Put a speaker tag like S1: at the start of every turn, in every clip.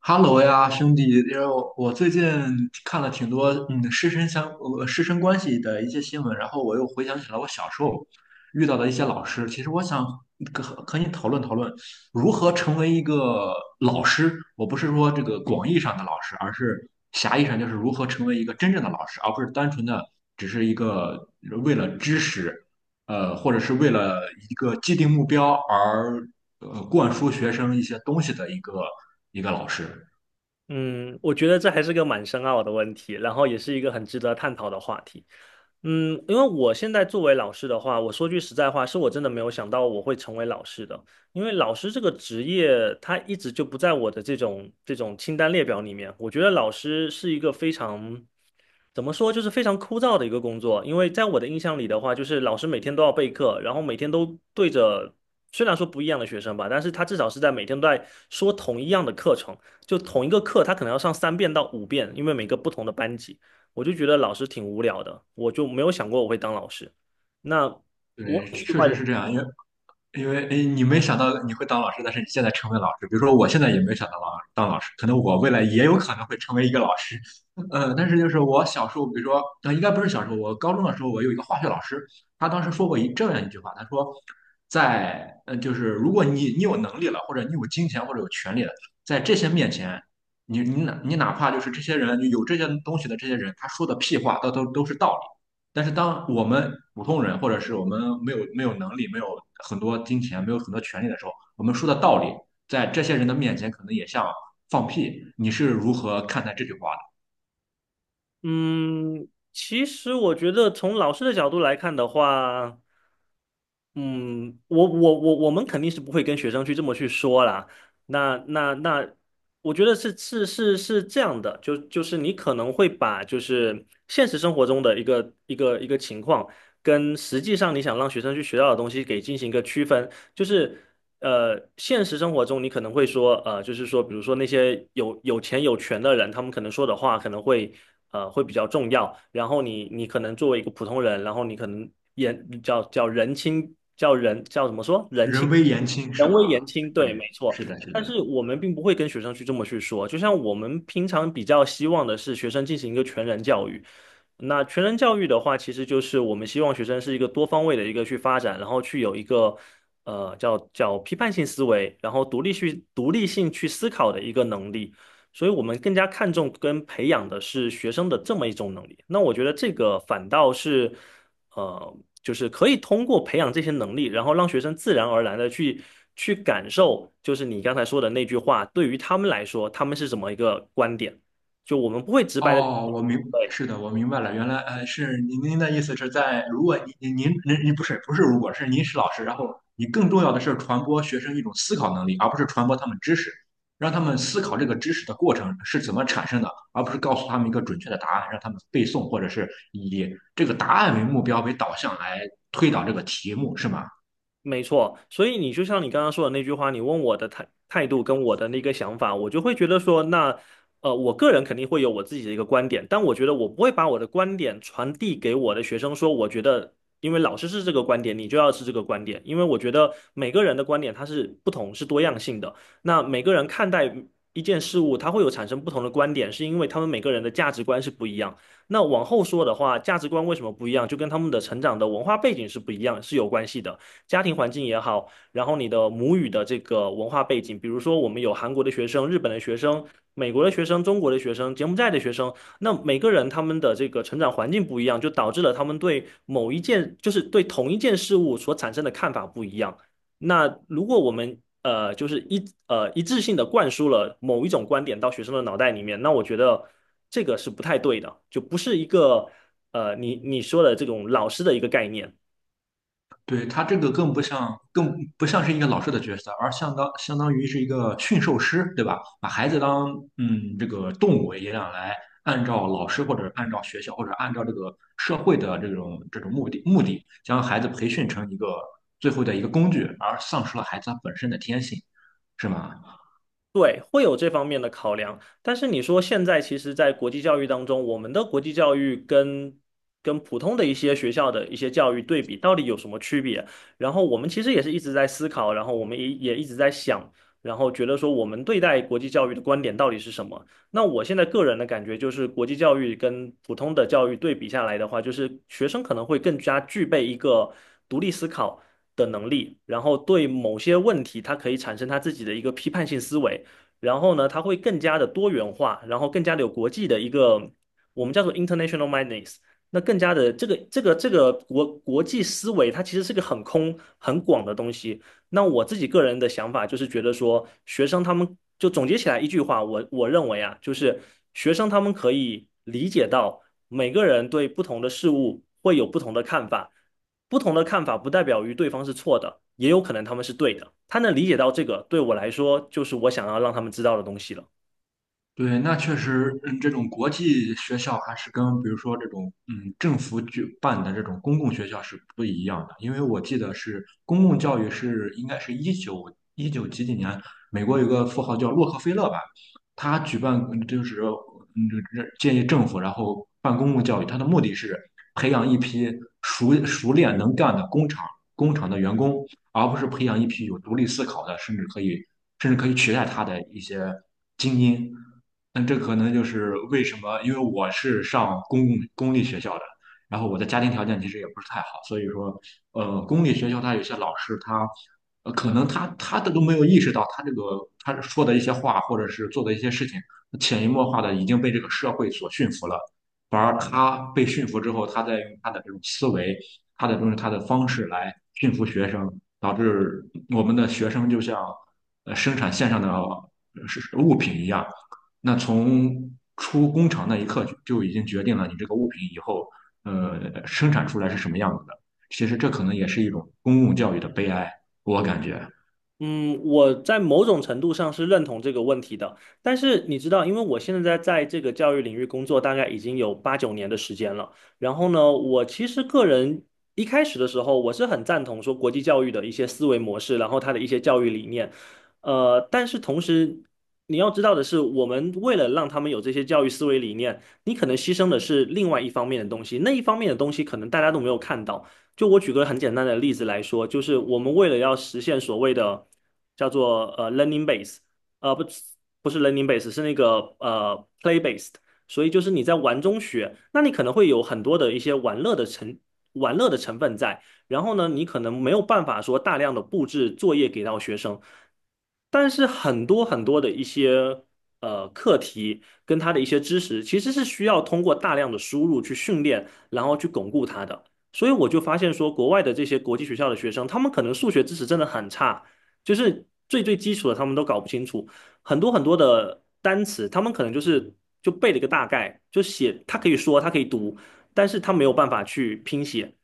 S1: 哈喽呀，兄弟，因为我最近看了挺多师生关系的一些新闻，然后我又回想起了我小时候遇到的一些老师。其实我想和你讨论讨论如何成为一个老师。我不是说这个广义上的老师，而是狭义上就是如何成为一个真正的老师，而不是单纯的只是一个为了知识，或者是为了一个既定目标而灌输学生一些东西的一个老师。
S2: 嗯，我觉得这还是个蛮深奥的问题，然后也是一个很值得探讨的话题。嗯，因为我现在作为老师的话，我说句实在话，是我真的没有想到我会成为老师的，因为老师这个职业，他一直就不在我的这种清单列表里面。我觉得老师是一个非常，怎么说，就是非常枯燥的一个工作，因为在我的印象里的话，就是老师每天都要备课，然后每天都对着。虽然说不一样的学生吧，但是他至少是在每天都在说同一样的课程，就同一个课，他可能要上3遍到5遍，因为每个不同的班级，我就觉得老师挺无聊的，我就没有想过我会当老师。那我
S1: 对，
S2: 很意
S1: 确
S2: 外
S1: 实
S2: 的。
S1: 是这样，因为诶，你没想到你会当老师，但是你现在成为老师。比如说，我现在也没想到当老师，可能我未来也有可能会成为一个老师。但是就是我小时候，比如说，应该不是小时候，我高中的时候，我有一个化学老师，他当时说过这样一句话，他说，就是如果你有能力了，或者你有金钱或者有权利了，在这些面前，你你哪你哪怕就是这些人有这些东西的这些人，他说的屁话，都是道理。但是当我们普通人或者是我们没有能力、没有很多金钱、没有很多权利的时候，我们说的道理，在这些人的面前可能也像放屁。你是如何看待这句话
S2: 嗯，其实我觉得从老师的角度来看的话。嗯，我们肯定是不会跟学生去这么去说啦。那那那，我觉得是这样的，就是你可能会把就是现实生活中的一个情况，跟实际上你想让学生去学到的东西给进行一个区分。就是现实生活中你可能会说，就是说，比如说那些有钱有权的人，他们可能说的话可能会会比较重要。然后你可能作为一个普通人，然后你可能言叫叫人轻叫人叫怎么说
S1: 的？
S2: 人
S1: 人
S2: 轻
S1: 微言轻是
S2: 人
S1: 吗？
S2: 微言轻，对，没
S1: 对，
S2: 错。
S1: 是的，是
S2: 但是
S1: 的。
S2: 我们并不会跟学生去这么去说，就像我们平常比较希望的是学生进行一个全人教育，那全人教育的话，其实就是我们希望学生是一个多方位的一个去发展，然后去有一个呃叫叫批判性思维，然后独立性去思考的一个能力。所以我们更加看重跟培养的是学生的这么一种能力。那我觉得这个反倒是呃，就是可以通过培养这些能力，然后让学生自然而然的去感受，就是你刚才说的那句话，对于他们来说，他们是什么一个观点？就我们不会直白的。
S1: 哦，
S2: 对。
S1: 是的，我明白了，原来是您的意思是在，如果您不是不是，如果是您是老师，然后你更重要的是传播学生一种思考能力，而不是传播他们知识，让他们思考这个知识的过程是怎么产生的，而不是告诉他们一个准确的答案，让他们背诵，或者是以这个答案为目标为导向来推导这个题目，是吗？
S2: 没错，所以你就像你刚刚说的那句话，你问我的态度跟我的那个想法，我就会觉得说，那我个人肯定会有我自己的一个观点，但我觉得我不会把我的观点传递给我的学生说，我觉得因为老师是这个观点，你就要是这个观点，因为我觉得每个人的观点它是不同，是多样性的。那每个人看待一件事物，它会有产生不同的观点，是因为他们每个人的价值观是不一样。那往后说的话，价值观为什么不一样，就跟他们的成长的文化背景是不一样，是有关系的。家庭环境也好，然后你的母语的这个文化背景，比如说我们有韩国的学生、日本的学生、美国的学生、中国的学生、柬埔寨的学生，那每个人他们的这个成长环境不一样，就导致了他们对某一件，就是对同一件事物所产生的看法不一样。那如果我们就是一致性的灌输了某一种观点到学生的脑袋里面，那我觉得这个是不太对的，就不是一个你说的这种老师的一个概念。
S1: 对，他这个更不像是一个老师的角色，而相当于是一个驯兽师，对吧？把孩子当这个动物一样来，按照老师或者按照学校或者按照这个社会的这种目的，将孩子培训成一个最后的一个工具，而丧失了孩子他本身的天性，是吗？
S2: 对，会有这方面的考量，但是你说现在其实，在国际教育当中，我们的国际教育跟普通的一些学校的一些教育对比，到底有什么区别？然后我们其实也是一直在思考，然后我们也一直在想，然后觉得说我们对待国际教育的观点到底是什么？那我现在个人的感觉就是，国际教育跟普通的教育对比下来的话，就是学生可能会更加具备一个独立思考的能力，然后对某些问题，他可以产生他自己的一个批判性思维。然后呢，它会更加的多元化，然后更加的有国际的一个我们叫做 international mindness。 那更加的这个国际思维，它其实是个很空很广的东西。那我自己个人的想法就是觉得说，学生他们就总结起来一句话，我认为啊，就是学生他们可以理解到每个人对不同的事物会有不同的看法，不同的看法不代表于对方是错的，也有可能他们是对的。他能理解到这个，对我来说就是我想要让他们知道的东西了。
S1: 对，那确实，这种国际学校还是跟比如说这种政府举办的这种公共学校是不一样的，因为我记得是公共教育是应该是19几几年，美国有个富豪叫洛克菲勒吧，他举办就是建议政府然后办公共教育，他的目的是培养一批熟练能干的工厂的员工，而不是培养一批有独立思考的，甚至可以取代他的一些精英。那这可能就是为什么，因为我是上公立学校的，然后我的家庭条件其实也不是太好，所以说，公立学校他有些老师他，可能他的都没有意识到，他这个他说的一些话或者是做的一些事情，潜移默化的已经被这个社会所驯服了。反而他被驯服之后，他在用他的这种思维、他的东西、他的方式来驯服学生，导致我们的学生就像生产线上的是物品一样。那从出工厂那一刻就已经决定了你这个物品以后生产出来是什么样子的。其实这可能也是一种公共教育的悲哀，我感觉。
S2: 嗯，我在某种程度上是认同这个问题的，但是你知道，因为我现在在这个教育领域工作，大概已经有8、9年的时间了。然后呢，我其实个人一开始的时候，我是很赞同说国际教育的一些思维模式，然后他的一些教育理念。但是同时你要知道的是，我们为了让他们有这些教育思维理念，你可能牺牲的是另外一方面的东西，那一方面的东西可能大家都没有看到。就我举个很简单的例子来说，就是我们为了要实现所谓的叫做learning base，呃不不是 learning base，是那个play based，所以就是你在玩中学，那你可能会有很多的一些玩乐的成分在，然后呢，你可能没有办法说大量的布置作业给到学生，但是很多很多的一些课题跟他的一些知识，其实是需要通过大量的输入去训练，然后去巩固它的。所以我就发现说，国外的这些国际学校的学生，他们可能数学知识真的很差，就是最最基础的他们都搞不清楚，很多很多的单词，他们可能就是就背了一个大概，就写，他可以说，他可以读，但是他没有办法去拼写，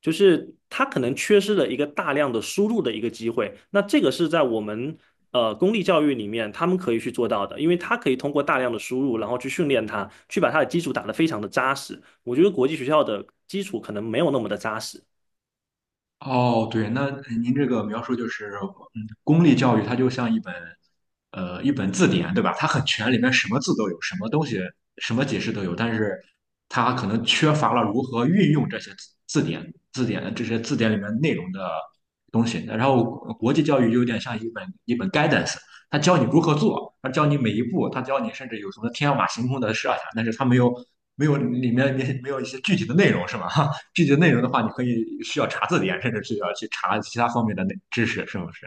S2: 就是他可能缺失了一个大量的输入的一个机会。那这个是在我们公立教育里面他们可以去做到的，因为他可以通过大量的输入，然后去训练它，去把它的基础打得非常的扎实。我觉得国际学校的基础可能没有那么的扎实。
S1: 哦，对，那哎您这个描述就是，公立教育它就像一本字典，对吧？它很全，里面什么字都有，什么东西，什么解释都有，但是它可能缺乏了如何运用字典、这些字典里面内容的东西。然后国际教育有点像一本 guidance，它教你如何做，它教你每一步，它教你甚至有什么天马行空的设想，但是它没有里面没有一些具体的内容，是吗？具体的内容的话，你可以需要查字典，甚至是要去查其他方面的内知识，是不是？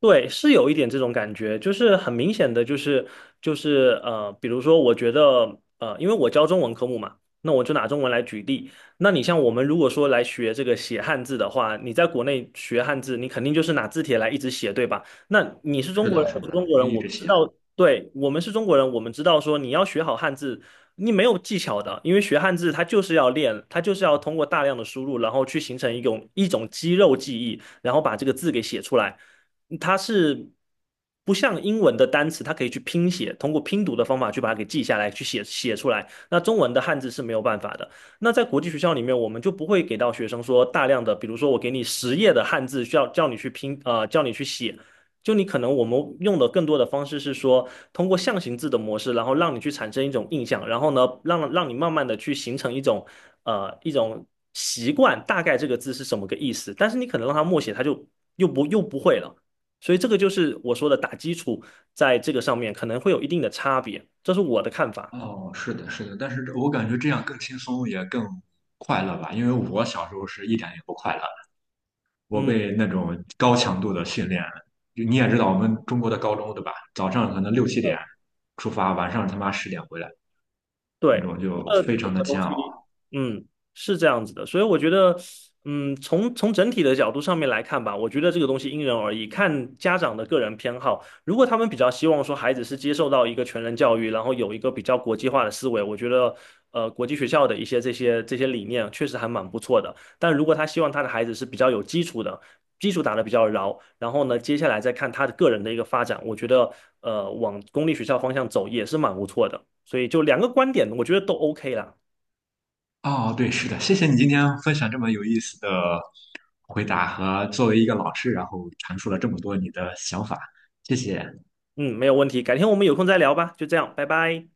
S2: 对，是有一点这种感觉，就是很明显的，就是比如说，我觉得因为我教中文科目嘛，那我就拿中文来举例。那你像我们如果说来学这个写汉字的话，你在国内学汉字，你肯定就是拿字帖来一直写，对吧？那你是中
S1: 是
S2: 国
S1: 的，
S2: 人，我
S1: 是
S2: 是
S1: 的，
S2: 中国
S1: 是
S2: 人，
S1: 一
S2: 我
S1: 直
S2: 们知
S1: 写。
S2: 道，对，我们是中国人，我们知道说你要学好汉字，你没有技巧的，因为学汉字它就是要练，它就是要通过大量的输入，然后去形成一种肌肉记忆，然后把这个字给写出来。它是不像英文的单词，它可以去拼写，通过拼读的方法去把它给记下来，去写出来。那中文的汉字是没有办法的。那在国际学校里面，我们就不会给到学生说大量的，比如说我给你10页的汉字，需要叫你去拼，叫你去写。就你可能我们用的更多的方式是说，通过象形字的模式，然后让你去产生一种印象，然后呢，让你慢慢的去形成一种习惯，大概这个字是什么个意思。但是你可能让他默写，他就又不会了。所以这个就是我说的打基础，在这个上面可能会有一定的差别，这是我的看法。
S1: 哦，是的，是的，但是我感觉这样更轻松，也更快乐吧。因为我小时候是一点也不快乐，我
S2: 嗯。
S1: 被那种高强度的训练，就你也知道我们中国的高中，对吧？早上可能6、7点出发，晚上他妈10点回来，
S2: 对，
S1: 那种就非
S2: 这
S1: 常的
S2: 个东
S1: 煎熬。
S2: 西，嗯，是这样子的，所以我觉得，从整体的角度上面来看吧，我觉得这个东西因人而异，看家长的个人偏好。如果他们比较希望说孩子是接受到一个全人教育，然后有一个比较国际化的思维，我觉得，国际学校的一些这些理念确实还蛮不错的。但如果他希望他的孩子是比较有基础的，基础打得比较牢，然后呢，接下来再看他的个人的一个发展，我觉得，往公立学校方向走也是蛮不错的。所以就两个观点，我觉得都 OK 啦。
S1: 哦，对，是的，谢谢你今天分享这么有意思的回答和作为一个老师，然后阐述了这么多你的想法，谢谢。
S2: 嗯，没有问题，改天我们有空再聊吧，就这样，拜拜。